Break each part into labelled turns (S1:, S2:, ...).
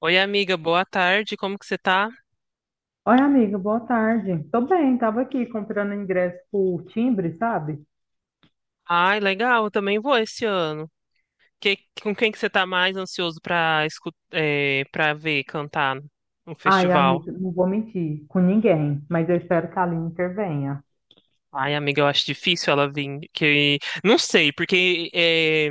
S1: Oi, amiga, boa tarde. Como que você tá?
S2: Oi, amiga, boa tarde. Tô bem, tava aqui comprando ingresso por timbre, sabe?
S1: Ai, legal, eu também vou esse ano. Que- com quem que você tá mais ansioso pra escutar, para ver cantar no
S2: Ai,
S1: festival?
S2: amiga, não vou mentir com ninguém, mas eu espero que a Aline intervenha.
S1: Ai, amiga, eu acho difícil ela vir. Que não sei, porque é,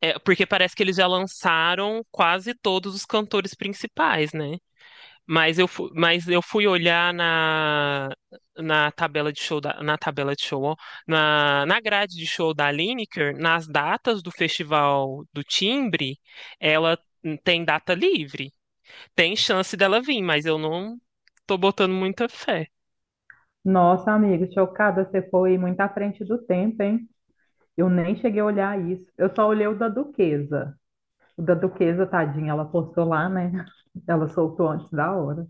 S1: é, porque parece que eles já lançaram quase todos os cantores principais, né? Mas eu fui olhar na tabela de show na tabela de show, ó, na grade de show da Lineker, nas datas do Festival do Timbre, ela tem data livre. Tem chance dela vir, mas eu não tô botando muita fé.
S2: Nossa, amiga, chocada, você foi muito à frente do tempo, hein? Eu nem cheguei a olhar isso. Eu só olhei o da Duquesa. O da Duquesa, tadinha, ela postou lá, né? Ela soltou antes da hora.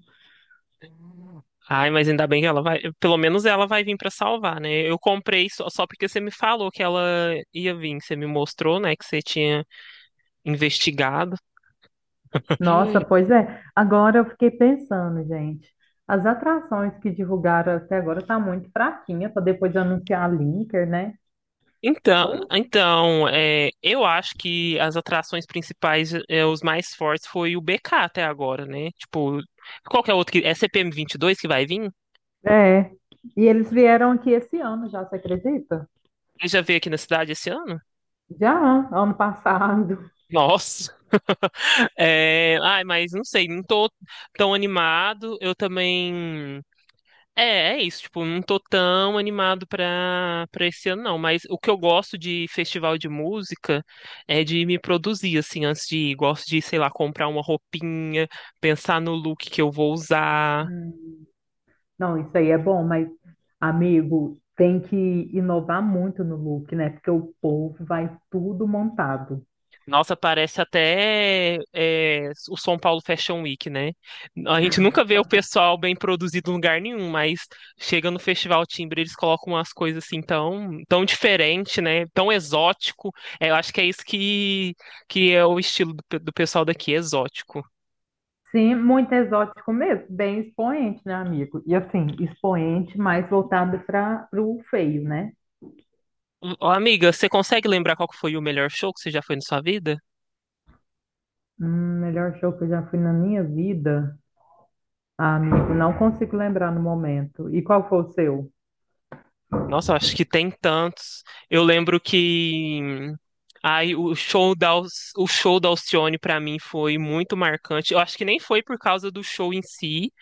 S1: Ai, mas ainda bem que ela vai, pelo menos ela vai vir pra salvar, né? Eu comprei só porque você me falou que ela ia vir, você me mostrou, né, que você tinha investigado.
S2: Nossa, pois é. Agora eu fiquei pensando, gente. As atrações que divulgaram até agora tá muito fraquinha para depois anunciar a Linker, né?
S1: Então é, eu acho que as atrações principais, é, os mais fortes, foi o BK até agora, né? Tipo, qual que é o outro que. É CPM22 que vai vir?
S2: É. E eles vieram aqui esse ano já, você acredita?
S1: Ele já veio aqui na cidade esse ano?
S2: Já, ano passado.
S1: Nossa! É, ai, mas não sei, não tô tão animado. Eu também. É, é isso, tipo, não tô tão animado pra esse ano, não. Mas o que eu gosto de festival de música é de me produzir, assim, antes de ir. Gosto de, sei lá, comprar uma roupinha, pensar no look que eu vou usar.
S2: Hum. Não, isso aí é bom, mas, amigo, tem que inovar muito no look, né? Porque o povo vai tudo montado.
S1: Nossa, parece até é, o São Paulo Fashion Week, né? A gente nunca vê o pessoal bem produzido em lugar nenhum, mas chega no Festival Timbre, eles colocam umas coisas assim tão diferente, né? Tão exótico. É, eu acho que é isso que é o estilo do, do pessoal daqui, exótico.
S2: Sim, muito exótico mesmo, bem expoente, né, amigo? E assim, expoente, mais voltado para o feio, né?
S1: Ô, amiga, você consegue lembrar qual que foi o melhor show que você já foi na sua vida?
S2: Melhor show que eu já fui na minha vida, ah, amigo, não consigo lembrar no momento. E qual foi o seu?
S1: Nossa, eu acho que tem tantos. Eu lembro que ai, o show o show da Alcione para mim foi muito marcante. Eu acho que nem foi por causa do show em si.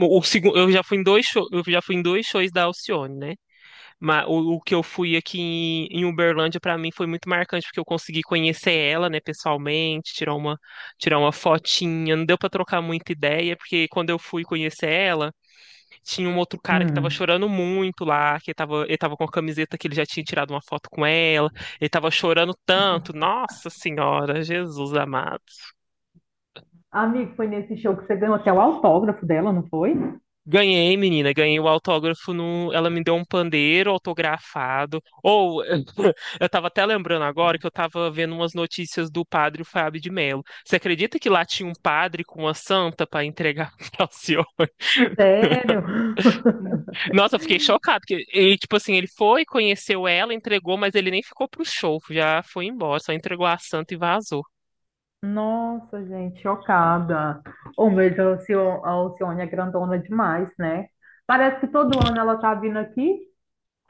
S1: Eu já fui em dois show, eu já fui em dois shows da Alcione, né? Mas o que eu fui aqui em Uberlândia para mim foi muito marcante, porque eu consegui conhecer ela, né, pessoalmente, tirar uma fotinha. Não deu para trocar muita ideia, porque quando eu fui conhecer ela, tinha um outro cara que tava
S2: Hum.
S1: chorando muito lá, ele tava com a camiseta que ele já tinha tirado uma foto com ela, ele tava chorando tanto. Nossa Senhora, Jesus amado.
S2: Amigo, foi nesse show que você ganhou até o autógrafo dela, não foi?
S1: Ganhei, menina, ganhei o autógrafo no. Ela me deu um pandeiro autografado. Ou eu tava até lembrando agora que eu tava vendo umas notícias do padre Fábio de Mello. Você acredita que lá tinha um padre com uma santa pra entregar pra senhor?
S2: Sério?
S1: Nossa, eu fiquei chocado. Porque, e, tipo assim, ele foi, conheceu ela, entregou, mas ele nem ficou pro show, já foi embora, só entregou a santa e vazou.
S2: Nossa, gente, chocada. Ô, mas a Alcio- a Alcione é grandona demais, né? Parece que todo ano ela tá vindo aqui.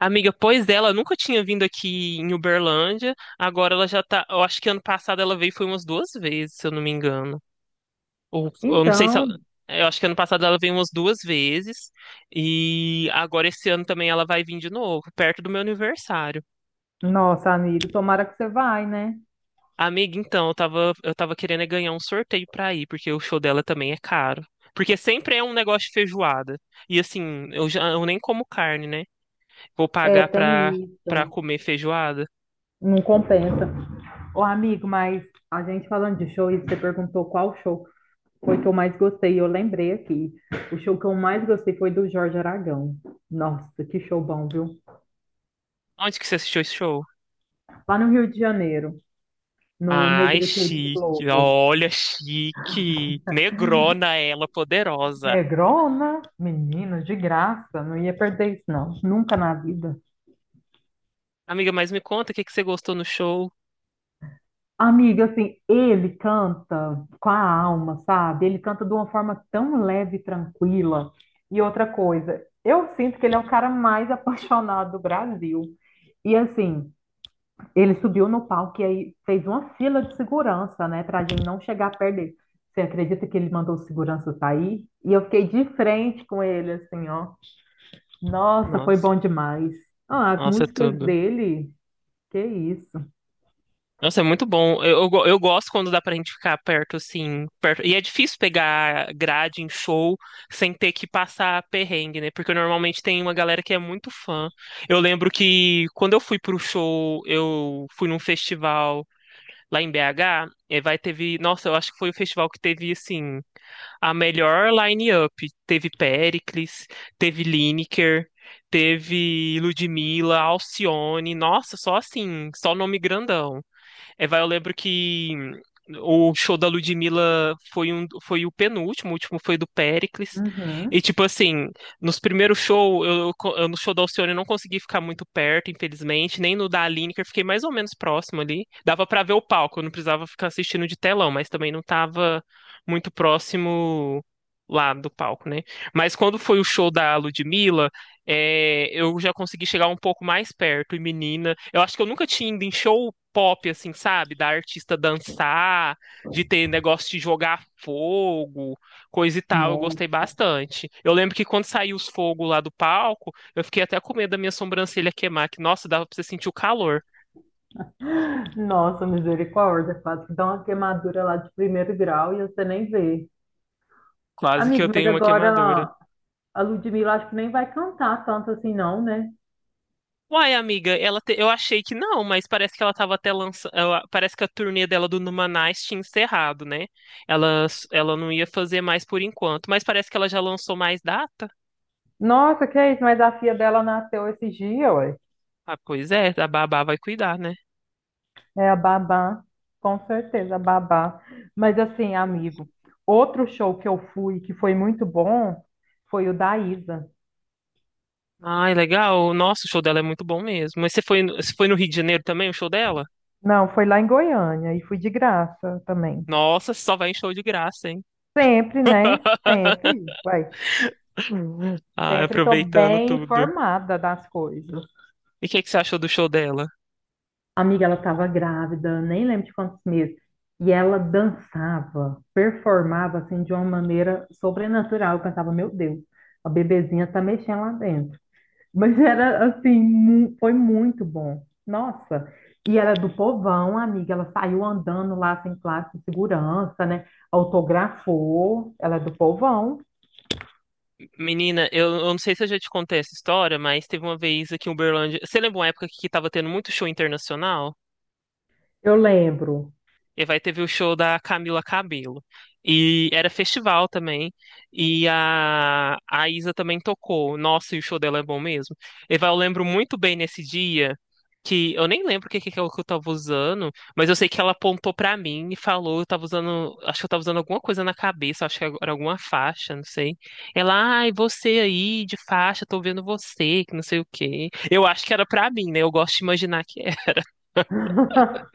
S1: Amiga, pois é, ela nunca tinha vindo aqui em Uberlândia, agora ela já tá. Eu acho que ano passado ela veio foi umas duas vezes, se eu não me engano. Ou eu não sei se ela.
S2: Então,
S1: Eu acho que ano passado ela veio umas duas vezes, e agora esse ano também ela vai vir de novo, perto do meu aniversário.
S2: nossa, amigo, tomara que você vai, né?
S1: Amiga, então, eu tava querendo é ganhar um sorteio pra ir, porque o show dela também é caro. Porque sempre é um negócio de feijoada. E assim, eu já eu nem como carne, né? Vou
S2: É,
S1: pagar pra,
S2: tem
S1: pra
S2: isso.
S1: comer feijoada.
S2: Não compensa. Ô, amigo, mas a gente falando de show, e você perguntou qual show foi que eu mais gostei. Eu lembrei aqui. O show que eu mais gostei foi do Jorge Aragão. Nossa, que show bom, viu?
S1: Onde que você assistiu esse show?
S2: Lá no Rio de Janeiro, no
S1: Ai,
S2: Negritude
S1: chique.
S2: Globo.
S1: Olha, chique. Negrona ela, poderosa.
S2: Negrona, menina, de graça, não ia perder isso, não. Nunca na vida.
S1: Amiga, mas me conta o que que você gostou no show?
S2: Amiga, assim, ele canta com a alma, sabe? Ele canta de uma forma tão leve e tranquila. E outra coisa, eu sinto que ele é o cara mais apaixonado do Brasil. E assim, ele subiu no palco e aí fez uma fila de segurança, né, para a gente não chegar perto dele. Você acredita que ele mandou o segurança sair? E eu fiquei de frente com ele, assim, ó. Nossa, foi
S1: Nossa,
S2: bom demais. Ah, as
S1: nossa,
S2: músicas
S1: tudo.
S2: dele, que isso.
S1: Nossa, é muito bom. Eu gosto quando dá pra gente ficar perto, assim, perto. E é difícil pegar grade em show sem ter que passar perrengue, né? Porque normalmente tem uma galera que é muito fã. Eu lembro que quando eu fui pro show, eu fui num festival lá em BH, e vai teve, nossa, eu acho que foi o festival que teve assim a melhor line-up. Teve Péricles, teve Lineker, teve Ludmilla, Alcione. Nossa, só assim, só nome grandão. É, vai, eu lembro que o show da Ludmilla foi o penúltimo, o último foi do Péricles. E,
S2: Uhum.
S1: tipo assim, nos primeiros shows, eu no show da Alcione eu não consegui ficar muito perto, infelizmente, nem no da Aline, que eu fiquei mais ou menos próximo ali. Dava pra ver o palco, eu não precisava ficar assistindo de telão, mas também não tava muito próximo lá do palco, né? Mas quando foi o show da Ludmilla, é, eu já consegui chegar um pouco mais perto. E menina, eu acho que eu nunca tinha ido em show pop, assim, sabe? Da artista dançar, de ter negócio de jogar fogo, coisa e tal. Eu gostei
S2: Nossa,
S1: bastante. Eu lembro que quando saiu os fogos lá do palco, eu fiquei até com medo da minha sobrancelha queimar, que, nossa, dava pra você sentir o calor.
S2: nossa, misericórdia, quase que dá uma queimadura lá de primeiro grau e você nem vê.
S1: Quase que
S2: Amigo,
S1: eu
S2: mas
S1: tenho uma queimadura.
S2: agora a Ludmilla acho que nem vai cantar tanto assim, não, né?
S1: Uai, amiga, eu achei que não, mas parece que ela tava até lançando. Parece que a turnê dela do Numanais tinha encerrado, né? Ela não ia fazer mais por enquanto, mas parece que ela já lançou mais data.
S2: Nossa, que é isso? Mas a filha dela nasceu esse dia, ué.
S1: Ah, pois é, a babá vai cuidar, né?
S2: É a Babá, com certeza, a Babá. Mas assim, amigo, outro show que eu fui que foi muito bom foi o da Isa.
S1: Ai, legal. Nossa, o show dela é muito bom mesmo. Mas você foi no Rio de Janeiro também, o show dela?
S2: Não, foi lá em Goiânia e fui de graça também.
S1: Nossa, só vai em show de graça, hein?
S2: Sempre, né? Sempre, vai.
S1: Ah,
S2: Sempre tô
S1: aproveitando
S2: bem
S1: tudo.
S2: informada das coisas.
S1: E o que é que você achou do show dela?
S2: Amiga, ela estava grávida, nem lembro de quantos meses. E ela dançava, performava assim de uma maneira sobrenatural. Eu pensava, meu Deus, a bebezinha tá mexendo lá dentro. Mas era assim, foi muito bom. Nossa. E era do povão, amiga. Ela saiu andando lá sem classe de segurança, né? Autografou. Ela é do povão.
S1: Menina, eu não sei se eu já te contei essa história, mas teve uma vez aqui em Uberlândia. Você lembra uma época que tava tendo muito show internacional?
S2: Eu lembro.
S1: E vai teve o show da Camila Cabello. E era festival também. E a Isa também tocou. Nossa, e o show dela é bom mesmo. E vai, eu lembro muito bem nesse dia que eu nem lembro que eu tava usando, mas eu sei que ela apontou pra mim e falou, eu tava usando, acho que eu tava usando alguma coisa na cabeça, acho que era alguma faixa, não sei. Ela, ai, você aí de faixa, tô vendo você, que não sei o quê. Eu acho que era pra mim, né? Eu gosto de imaginar que é.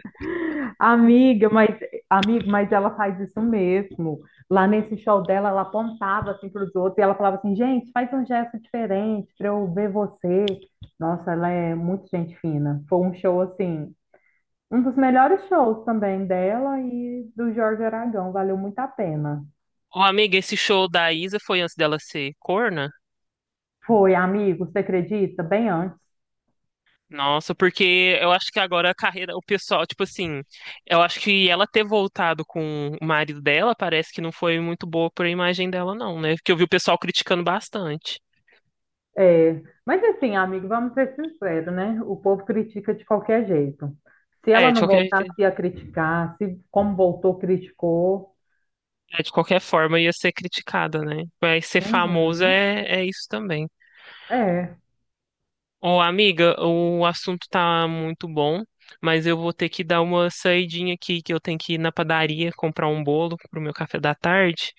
S2: Amiga, mas amigo, mas ela faz isso mesmo. Lá nesse show dela, ela apontava assim para os outros e ela falava assim, gente, faz um gesto diferente para eu ver você. Nossa, ela é muito gente fina. Foi um show assim. Um dos melhores shows também dela e do Jorge Aragão, valeu muito a pena.
S1: Ô, amiga, esse show da Isa foi antes dela ser corna?
S2: Foi, amigo, você acredita? Bem antes.
S1: Nossa, porque eu acho que agora a carreira, o pessoal, tipo assim, eu acho que ela ter voltado com o marido dela parece que não foi muito boa pra imagem dela, não, né? Porque eu vi o pessoal criticando bastante.
S2: É, mas assim, amigo, vamos ser sinceros, né? O povo critica de qualquer jeito. Se ela
S1: É, de
S2: não
S1: qualquer,
S2: voltasse, ia criticar. Se como voltou, criticou.
S1: é, de qualquer forma ia ser criticada, né? Mas ser famosa
S2: Uhum.
S1: é isso também.
S2: É.
S1: Ô, amiga, o assunto tá muito bom, mas eu vou ter que dar uma saidinha aqui, que eu tenho que ir na padaria comprar um bolo pro meu café da tarde.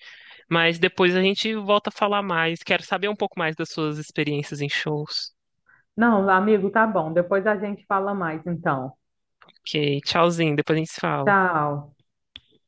S1: Mas depois a gente volta a falar mais. Quero saber um pouco mais das suas experiências em shows.
S2: Não, amigo, tá bom. Depois a gente fala mais, então.
S1: Ok, tchauzinho, depois a gente se fala.
S2: Tchau.